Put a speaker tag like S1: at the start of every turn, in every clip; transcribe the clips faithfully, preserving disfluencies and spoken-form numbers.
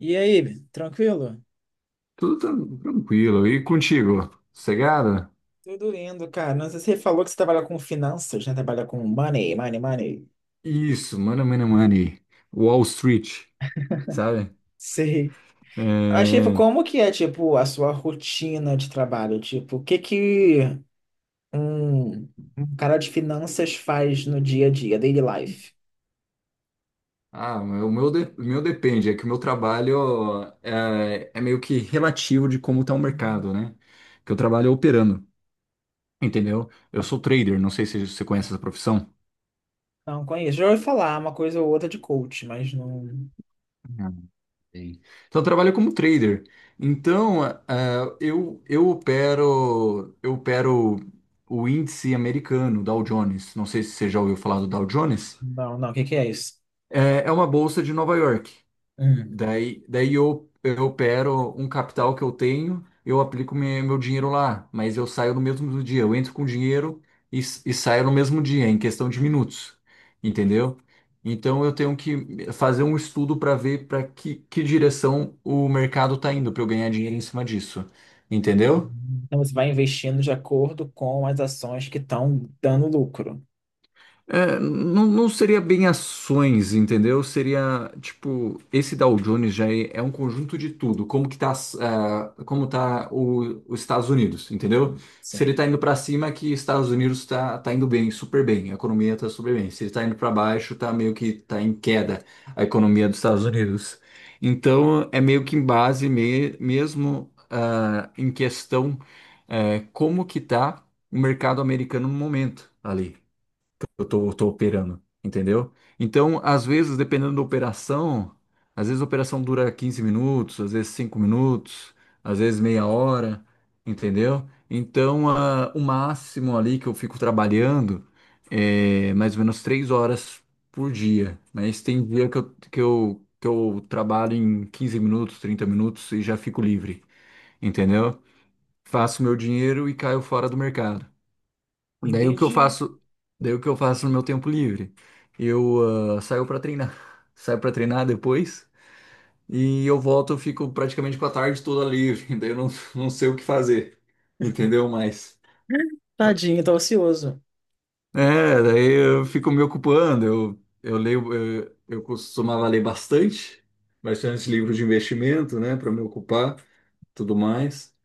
S1: E aí, tranquilo?
S2: Tudo tran- tranquilo. E contigo? Sossegado?
S1: Tudo lindo, cara. Não sei se você falou que você trabalha com finanças, né? Trabalha com money, money, money.
S2: Isso, mano, mano, money. Wall Street, sabe?
S1: Sei. Mas, tipo,
S2: É...
S1: como que é, tipo, a sua rotina de trabalho? Tipo, o que que um, um cara de finanças faz no dia a dia, daily life?
S2: Ah, o meu, de- o meu depende. É que o meu trabalho é, é meio que relativo de como tá o mercado, né? Que eu trabalho operando, entendeu? Eu sou trader, não sei se você conhece essa profissão.
S1: Não conheço. Já ouvi falar uma coisa ou outra de coach, mas não...
S2: Sim. Então, eu trabalho como trader. Então, ah, eu, eu opero eu opero o índice americano, Dow Jones. Não sei se você já ouviu falar do Dow Jones.
S1: Não, não. O que que é isso?
S2: É, é uma bolsa de Nova York.
S1: Hum.
S2: Daí, daí eu, eu opero um capital que eu tenho, eu aplico me- meu dinheiro lá, mas eu saio no mesmo dia. Eu entro com dinheiro e, s- e saio no mesmo dia, em questão de minutos, entendeu? Então eu tenho que fazer um estudo para ver para que, que direção o mercado está indo, para eu ganhar dinheiro em cima disso, entendeu?
S1: Então, você vai investindo de acordo com as ações que estão dando lucro.
S2: É, não, não seria bem ações, entendeu? Seria, tipo, esse Dow Jones já é, é um conjunto de tudo. Como que tá, as- ah, como tá o- os Estados Unidos, entendeu? Se ele
S1: Sim.
S2: tá indo para cima, é que Estados Unidos tá, tá indo bem, super bem. A economia tá super bem. Se ele tá indo para baixo, tá meio que tá em queda a economia dos Estados Unidos. Então, é meio que em base me- mesmo, ah, em questão, eh, como que tá o mercado americano no momento ali eu tô, tô operando, entendeu? Então, às vezes, dependendo da operação, às vezes a operação dura quinze minutos, às vezes cinco minutos, às vezes meia hora, entendeu? Então, ah, o máximo ali que eu fico trabalhando é mais ou menos três horas por dia, mas tem dia que eu, que eu, que eu trabalho em quinze minutos, trinta minutos e já fico livre, entendeu? Faço meu dinheiro e caio fora do mercado. Daí o que eu
S1: Entendi.
S2: faço, daí o que eu faço no meu tempo livre? Eu ah, saio para treinar, saio para treinar depois e eu volto, eu fico praticamente com a tarde toda livre, daí eu não, não sei o que fazer, entendeu? Mas
S1: Tadinho, tá ocioso.
S2: é, daí eu fico me ocupando, eu, eu leio, eu, eu costumava ler bastante, bastante livro de investimento, né, para me ocupar, tudo mais.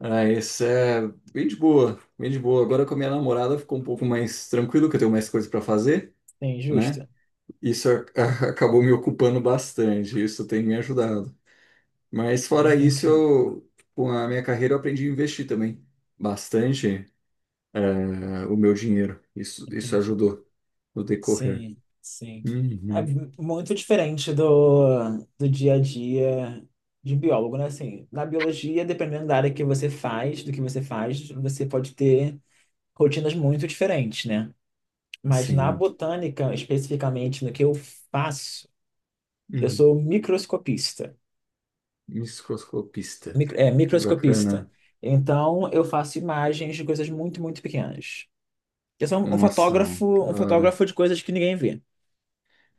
S2: Ah, isso é bem de boa, bem de boa. Agora com a minha namorada ficou um pouco mais tranquilo, que eu tenho mais coisas para fazer,
S1: Sim,
S2: né?
S1: justo.
S2: Isso a- acabou me ocupando bastante, isso tem me ajudado. Mas fora isso,
S1: Entendi,
S2: eu, com a minha carreira, eu aprendi a investir também bastante eh, o meu dinheiro. Isso, isso
S1: entendi.
S2: ajudou no decorrer.
S1: Sim, sim. É
S2: Uhum,
S1: muito diferente do, do dia a dia de biólogo, né? Assim, na biologia, dependendo da área que você faz, do que você faz, você pode ter rotinas muito diferentes, né? Mas na
S2: sim.
S1: botânica, especificamente no que eu faço, eu
S2: Hum,
S1: sou microscopista.
S2: microscopista.
S1: Micro, é,
S2: Que
S1: microscopista.
S2: bacana.
S1: Então, eu faço imagens de coisas muito, muito pequenas. Eu sou um um
S2: Nossa, que
S1: fotógrafo, um
S2: da
S1: fotógrafo
S2: hora.
S1: de coisas que ninguém vê.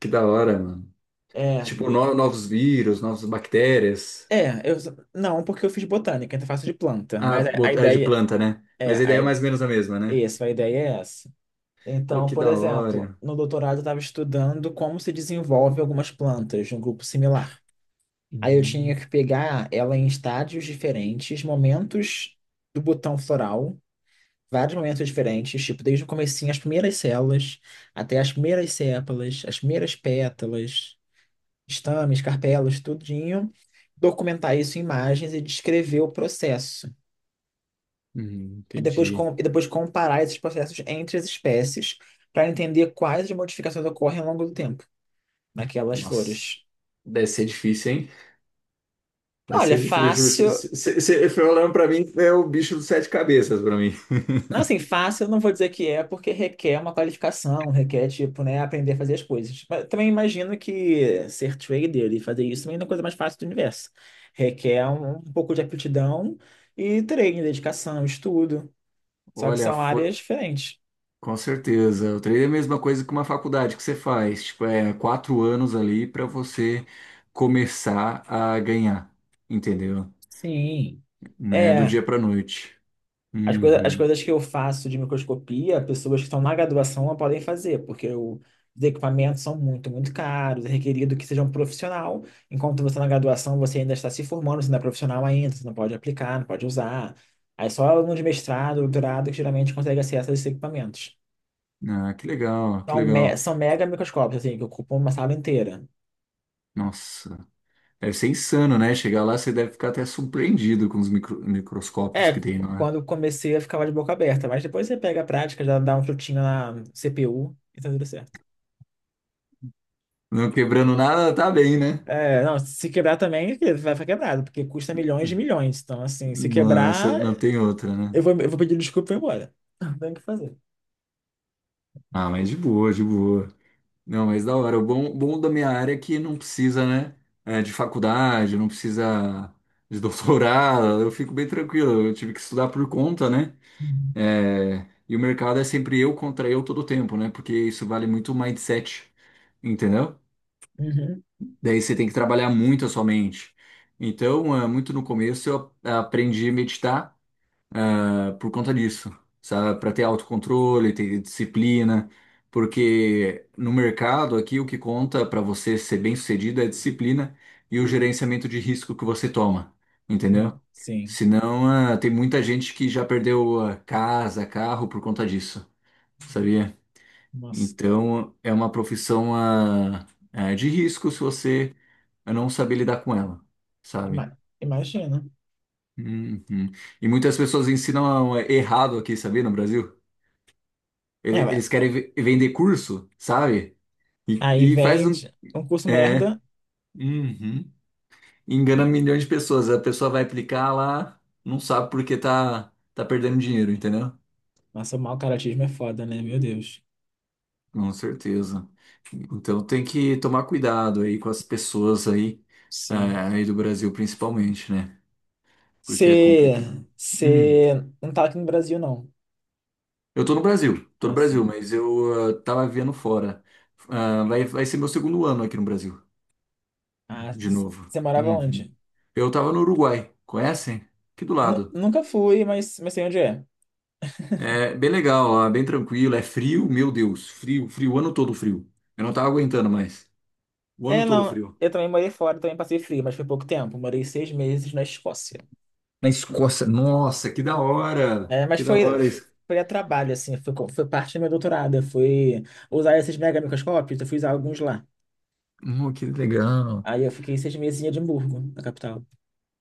S2: Que da hora, mano.
S1: É,
S2: Tipo, no- novos vírus, novas bactérias.
S1: é, eu não, porque eu fiz botânica, então faço de planta,
S2: Ah,
S1: mas a, a
S2: bot- é de
S1: ideia
S2: planta, né?
S1: é,
S2: Mas a ideia é
S1: a,
S2: mais ou menos a mesma, né?
S1: essa, a ideia é essa.
S2: Oh,
S1: Então,
S2: que
S1: por
S2: da
S1: exemplo,
S2: hora.
S1: no doutorado eu estava estudando como se desenvolve algumas plantas de um grupo similar. Aí eu tinha
S2: Hum.
S1: que pegar ela em estádios diferentes, momentos do botão floral, vários momentos diferentes, tipo, desde o comecinho, as primeiras células, até as primeiras sépalas, as primeiras pétalas. Estames, carpelas, tudinho, documentar isso em imagens e descrever o processo.
S2: Hum,
S1: E depois, com,
S2: entendi.
S1: e depois comparar esses processos entre as espécies para entender quais as modificações ocorrem ao longo do tempo naquelas
S2: Nossa,
S1: flores.
S2: deve ser difícil, hein? Deve
S1: Olha,
S2: ser difícil. Eu juro,
S1: fácil.
S2: você foi olhando pra mim, é o bicho dos sete cabeças pra mim.
S1: Não, assim, fácil eu não vou dizer que é, porque requer uma qualificação, requer, tipo, né, aprender a fazer as coisas. Mas também imagino que ser trader e fazer isso também não é a coisa mais fácil do universo. Requer um, um pouco de aptidão e treino, dedicação, estudo. Só que
S2: Olha,
S1: são
S2: foi,
S1: áreas diferentes.
S2: com certeza. O treino é a mesma coisa que uma faculdade que você faz. Tipo, é quatro anos ali pra você começar a ganhar, entendeu?
S1: Sim.
S2: Não é do
S1: É,
S2: dia pra noite.
S1: as coisa, as
S2: Uhum.
S1: coisas que eu faço de microscopia, pessoas que estão na graduação não podem fazer, porque o- os equipamentos são muito, muito caros, é requerido que seja um profissional, enquanto você tá na graduação, você ainda está se formando, você não é profissional ainda, você não pode aplicar, não pode usar. Aí só aluno de mestrado, doutorado, que geralmente consegue acesso a esses equipamentos.
S2: Ah, que legal, que
S1: São, me-
S2: legal.
S1: são mega microscópios, assim, que ocupam uma sala inteira.
S2: Nossa, deve ser insano, né? Chegar lá, você deve ficar até surpreendido com os micro- microscópios
S1: É,
S2: que tem
S1: qu-
S2: lá.
S1: quando comecei eu ficava de boca aberta, mas depois você pega a prática, já dá um chutinho na C P U e tá tudo certo.
S2: Não quebrando nada, tá bem, né?
S1: É, não, se quebrar também vai ficar quebrado, porque custa milhões de milhões. Então, assim, se
S2: Não,
S1: quebrar,
S2: só- não tem outra, né?
S1: eu vou, eu vou pedir desculpa e vou embora. Não tem o que fazer.
S2: Ah, mas de boa, de boa. Não, mas da hora. O bom, bom da minha área é que não precisa, né? É, de faculdade, não precisa de doutorado. Eu fico bem tranquilo. Eu tive que estudar por conta, né?
S1: Uhum.
S2: É, e o mercado é sempre eu contra eu todo tempo, né? Porque isso vale muito o mindset, entendeu?
S1: Uhum.
S2: Daí você tem que trabalhar muito a sua mente. Então, é, muito no começo eu a- aprendi a meditar por conta disso, sabe? Para ter autocontrole, ter disciplina, porque no mercado aqui o que conta para você ser bem-sucedido é a disciplina e o gerenciamento de risco que você toma,
S1: Sim,
S2: entendeu?
S1: sim.
S2: Senão, ah, tem muita gente que já perdeu ah, casa, carro por conta disso, sabia?
S1: Nossa,
S2: Então, é uma profissão ah, ah, de risco se você não saber lidar com ela, sabe?
S1: ima- imagina.
S2: Uhum. E muitas pessoas ensinam errado aqui, sabia, no Brasil? Ele-
S1: É, vai.
S2: Eles querem ve- vender curso, sabe? E,
S1: Aí
S2: e faz um.
S1: vende um curso
S2: É.
S1: merda.
S2: Uhum. Engana
S1: Nossa,
S2: milhões de pessoas. A pessoa vai aplicar lá, não sabe porque tá, tá perdendo dinheiro, entendeu?
S1: nossa, o mau caratismo é foda, né? Meu Deus.
S2: Com certeza. Então tem que tomar cuidado aí com as pessoas aí, é,
S1: Sim.
S2: aí do Brasil principalmente, né? Porque é complicado. Hum.
S1: Você não tá aqui no Brasil, não.
S2: Eu tô no Brasil, tô no
S1: Ah,
S2: Brasil,
S1: sim.
S2: mas eu ah, tava vivendo fora. Ah, vai, vai ser meu segundo ano aqui no Brasil,
S1: Ah,
S2: de novo.
S1: você morava
S2: Uhum.
S1: onde?
S2: Eu tava no Uruguai, conhecem? Aqui do
S1: Nu-
S2: lado.
S1: nunca fui, mas, mas sei onde é.
S2: É bem legal lá, bem tranquilo. É frio, meu Deus, frio, frio, o ano todo frio. Eu não tava aguentando mais. O
S1: É,
S2: ano todo
S1: não.
S2: frio.
S1: Eu também morei fora, também passei frio, mas foi pouco tempo. Morei seis meses na Escócia.
S2: Na Escócia, nossa, que da hora!
S1: É, mas
S2: Que da
S1: foi,
S2: hora isso.
S1: foi a trabalho, assim. Foi, co- foi parte do meu doutorado. Eu fui usar esses mega microscópios, eu fui usar alguns lá.
S2: Hum, que legal.
S1: Aí eu fiquei seis meses em Edimburgo, na capital.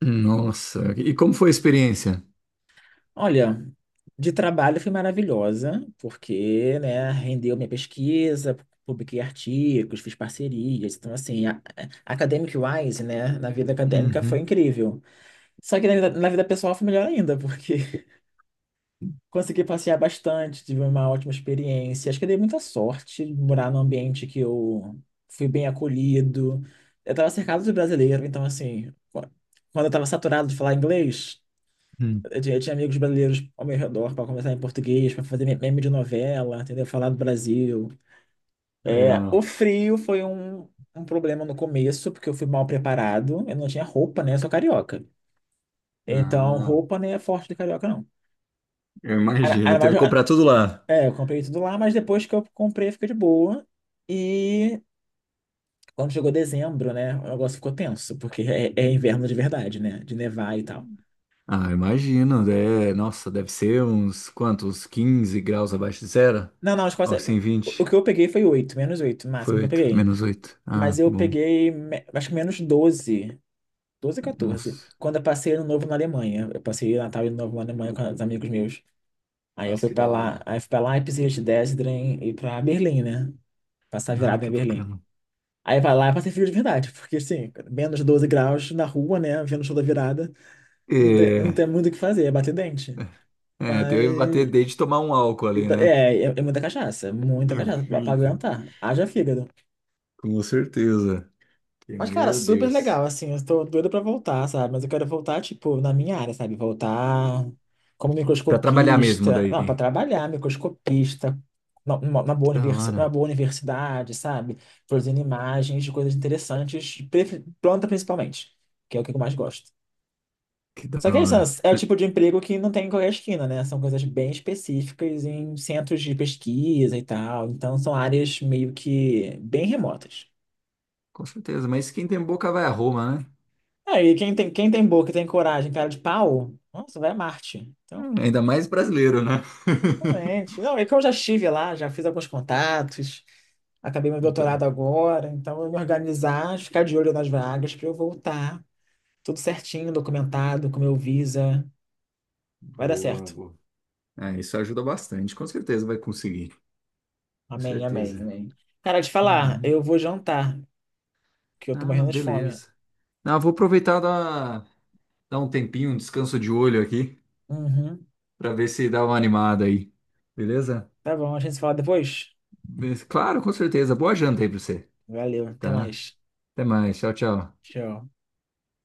S2: Nossa, e como foi a experiência?
S1: Olha, de trabalho foi maravilhosa, porque, né, rendeu minha pesquisa, publiquei artigos, fiz parcerias. Então, assim, a, a- academic-wise, né, na vida acadêmica foi
S2: Uhum,
S1: incrível. Só que na vida, na vida pessoal foi melhor ainda, porque consegui passear bastante, tive uma ótima experiência. Acho que eu dei muita sorte de morar num ambiente que eu fui bem acolhido. Eu estava cercado de brasileiro, então, assim, qu- quando eu estava saturado de falar inglês.
S2: hum,
S1: Eu tinha eu tinha amigos brasileiros ao meu redor para conversar em português, para fazer me- meme de novela, entendeu? Falar do Brasil.
S2: que
S1: É,
S2: legal.
S1: o frio foi um, um problema no começo, porque eu fui mal preparado. Eu não tinha roupa, né? Eu sou carioca. Então,
S2: Ah,
S1: roupa não é forte de carioca, não.
S2: eu
S1: Era-
S2: imagino,
S1: era
S2: teve
S1: mais-
S2: que comprar tudo lá.
S1: é, eu comprei tudo lá, mas depois que eu comprei, fica de boa. E quando chegou dezembro, né? O negócio ficou tenso, porque é, é inverno de verdade, né? De nevar e tal.
S2: Ah, eu imagino, é, nossa, deve ser uns quantos, quinze graus abaixo de zero?
S1: Não, não, a
S2: Algo
S1: Escócia.
S2: assim,
S1: O o
S2: vinte.
S1: que eu peguei foi oito menos oito o
S2: Foi
S1: máximo que eu
S2: oito,
S1: peguei.
S2: menos oito.
S1: Mas
S2: Ah,
S1: eu
S2: bom.
S1: peguei, me- acho que menos doze, doze, catorze
S2: Nossa.
S1: quando eu passei Ano Novo na Alemanha. Eu passei Natal e Ano Novo na Alemanha com os amigos meus. Aí eu
S2: Nossa,
S1: fui
S2: que
S1: pra
S2: da
S1: lá,
S2: hora.
S1: aí fui pra Leipzig, Dresden e pra Berlim, né? Passar
S2: Ah,
S1: virada em
S2: que
S1: Berlim.
S2: bacana.
S1: Aí pra lá eu passei frio de verdade, porque assim, menos doze graus na rua, né? Vendo o show da virada, não tem, não
S2: É,
S1: tem muito o que fazer, é bater dente.
S2: é, teve que bater
S1: Mas,
S2: desde tomar um álcool ali, né?
S1: é, é, é muita cachaça, muita cachaça, pra pra
S2: Eita,
S1: aguentar. Haja fígado.
S2: com certeza. Que
S1: Mas, cara,
S2: meu
S1: super legal,
S2: Deus.
S1: assim, eu tô doida pra voltar, sabe? Mas eu quero voltar, tipo, na minha área, sabe? Voltar como
S2: Pra trabalhar mesmo
S1: microscopista, não, pra
S2: daí.
S1: trabalhar, microscopista, na, numa- na
S2: Que
S1: boa
S2: da
S1: universi na
S2: hora,
S1: boa universidade, sabe? Produzindo imagens de coisas interessantes, pre- planta principalmente, que é o que eu mais gosto.
S2: que da
S1: Só que é isso, né?
S2: hora.
S1: É o
S2: Né?
S1: tipo de emprego que não tem em qualquer esquina, né? São coisas bem específicas em centros de pesquisa e tal, então são áreas meio que bem remotas.
S2: Com certeza, mas quem tem boca vai a Roma, né?
S1: É, e quem tem, quem tem boca e tem coragem, cara de pau, nossa, vai a Marte. Então,
S2: Hum, ainda mais brasileiro, né?
S1: totalmente. Não, é que eu já estive lá, já fiz alguns contatos, acabei meu doutorado
S2: Então,
S1: agora, então eu vou me organizar, ficar de olho nas vagas para eu voltar. Tudo certinho, documentado, com meu visa. Vai dar
S2: boa,
S1: certo.
S2: boa. É, isso ajuda bastante, com certeza vai conseguir. Com
S1: Amém, amém,
S2: certeza.
S1: amém. Cara, te falar,
S2: Uhum.
S1: eu vou jantar, que eu tô
S2: Ah,
S1: morrendo de fome.
S2: beleza. Ah, vou aproveitar dar, dar um tempinho, um descanso de olho aqui,
S1: Uhum.
S2: pra ver se dá uma animada aí. Beleza?
S1: Tá bom, a gente se fala depois?
S2: Mas, claro, com certeza. Boa janta aí pra você,
S1: Valeu, até
S2: tá?
S1: mais.
S2: Até mais. Tchau, tchau.
S1: Tchau.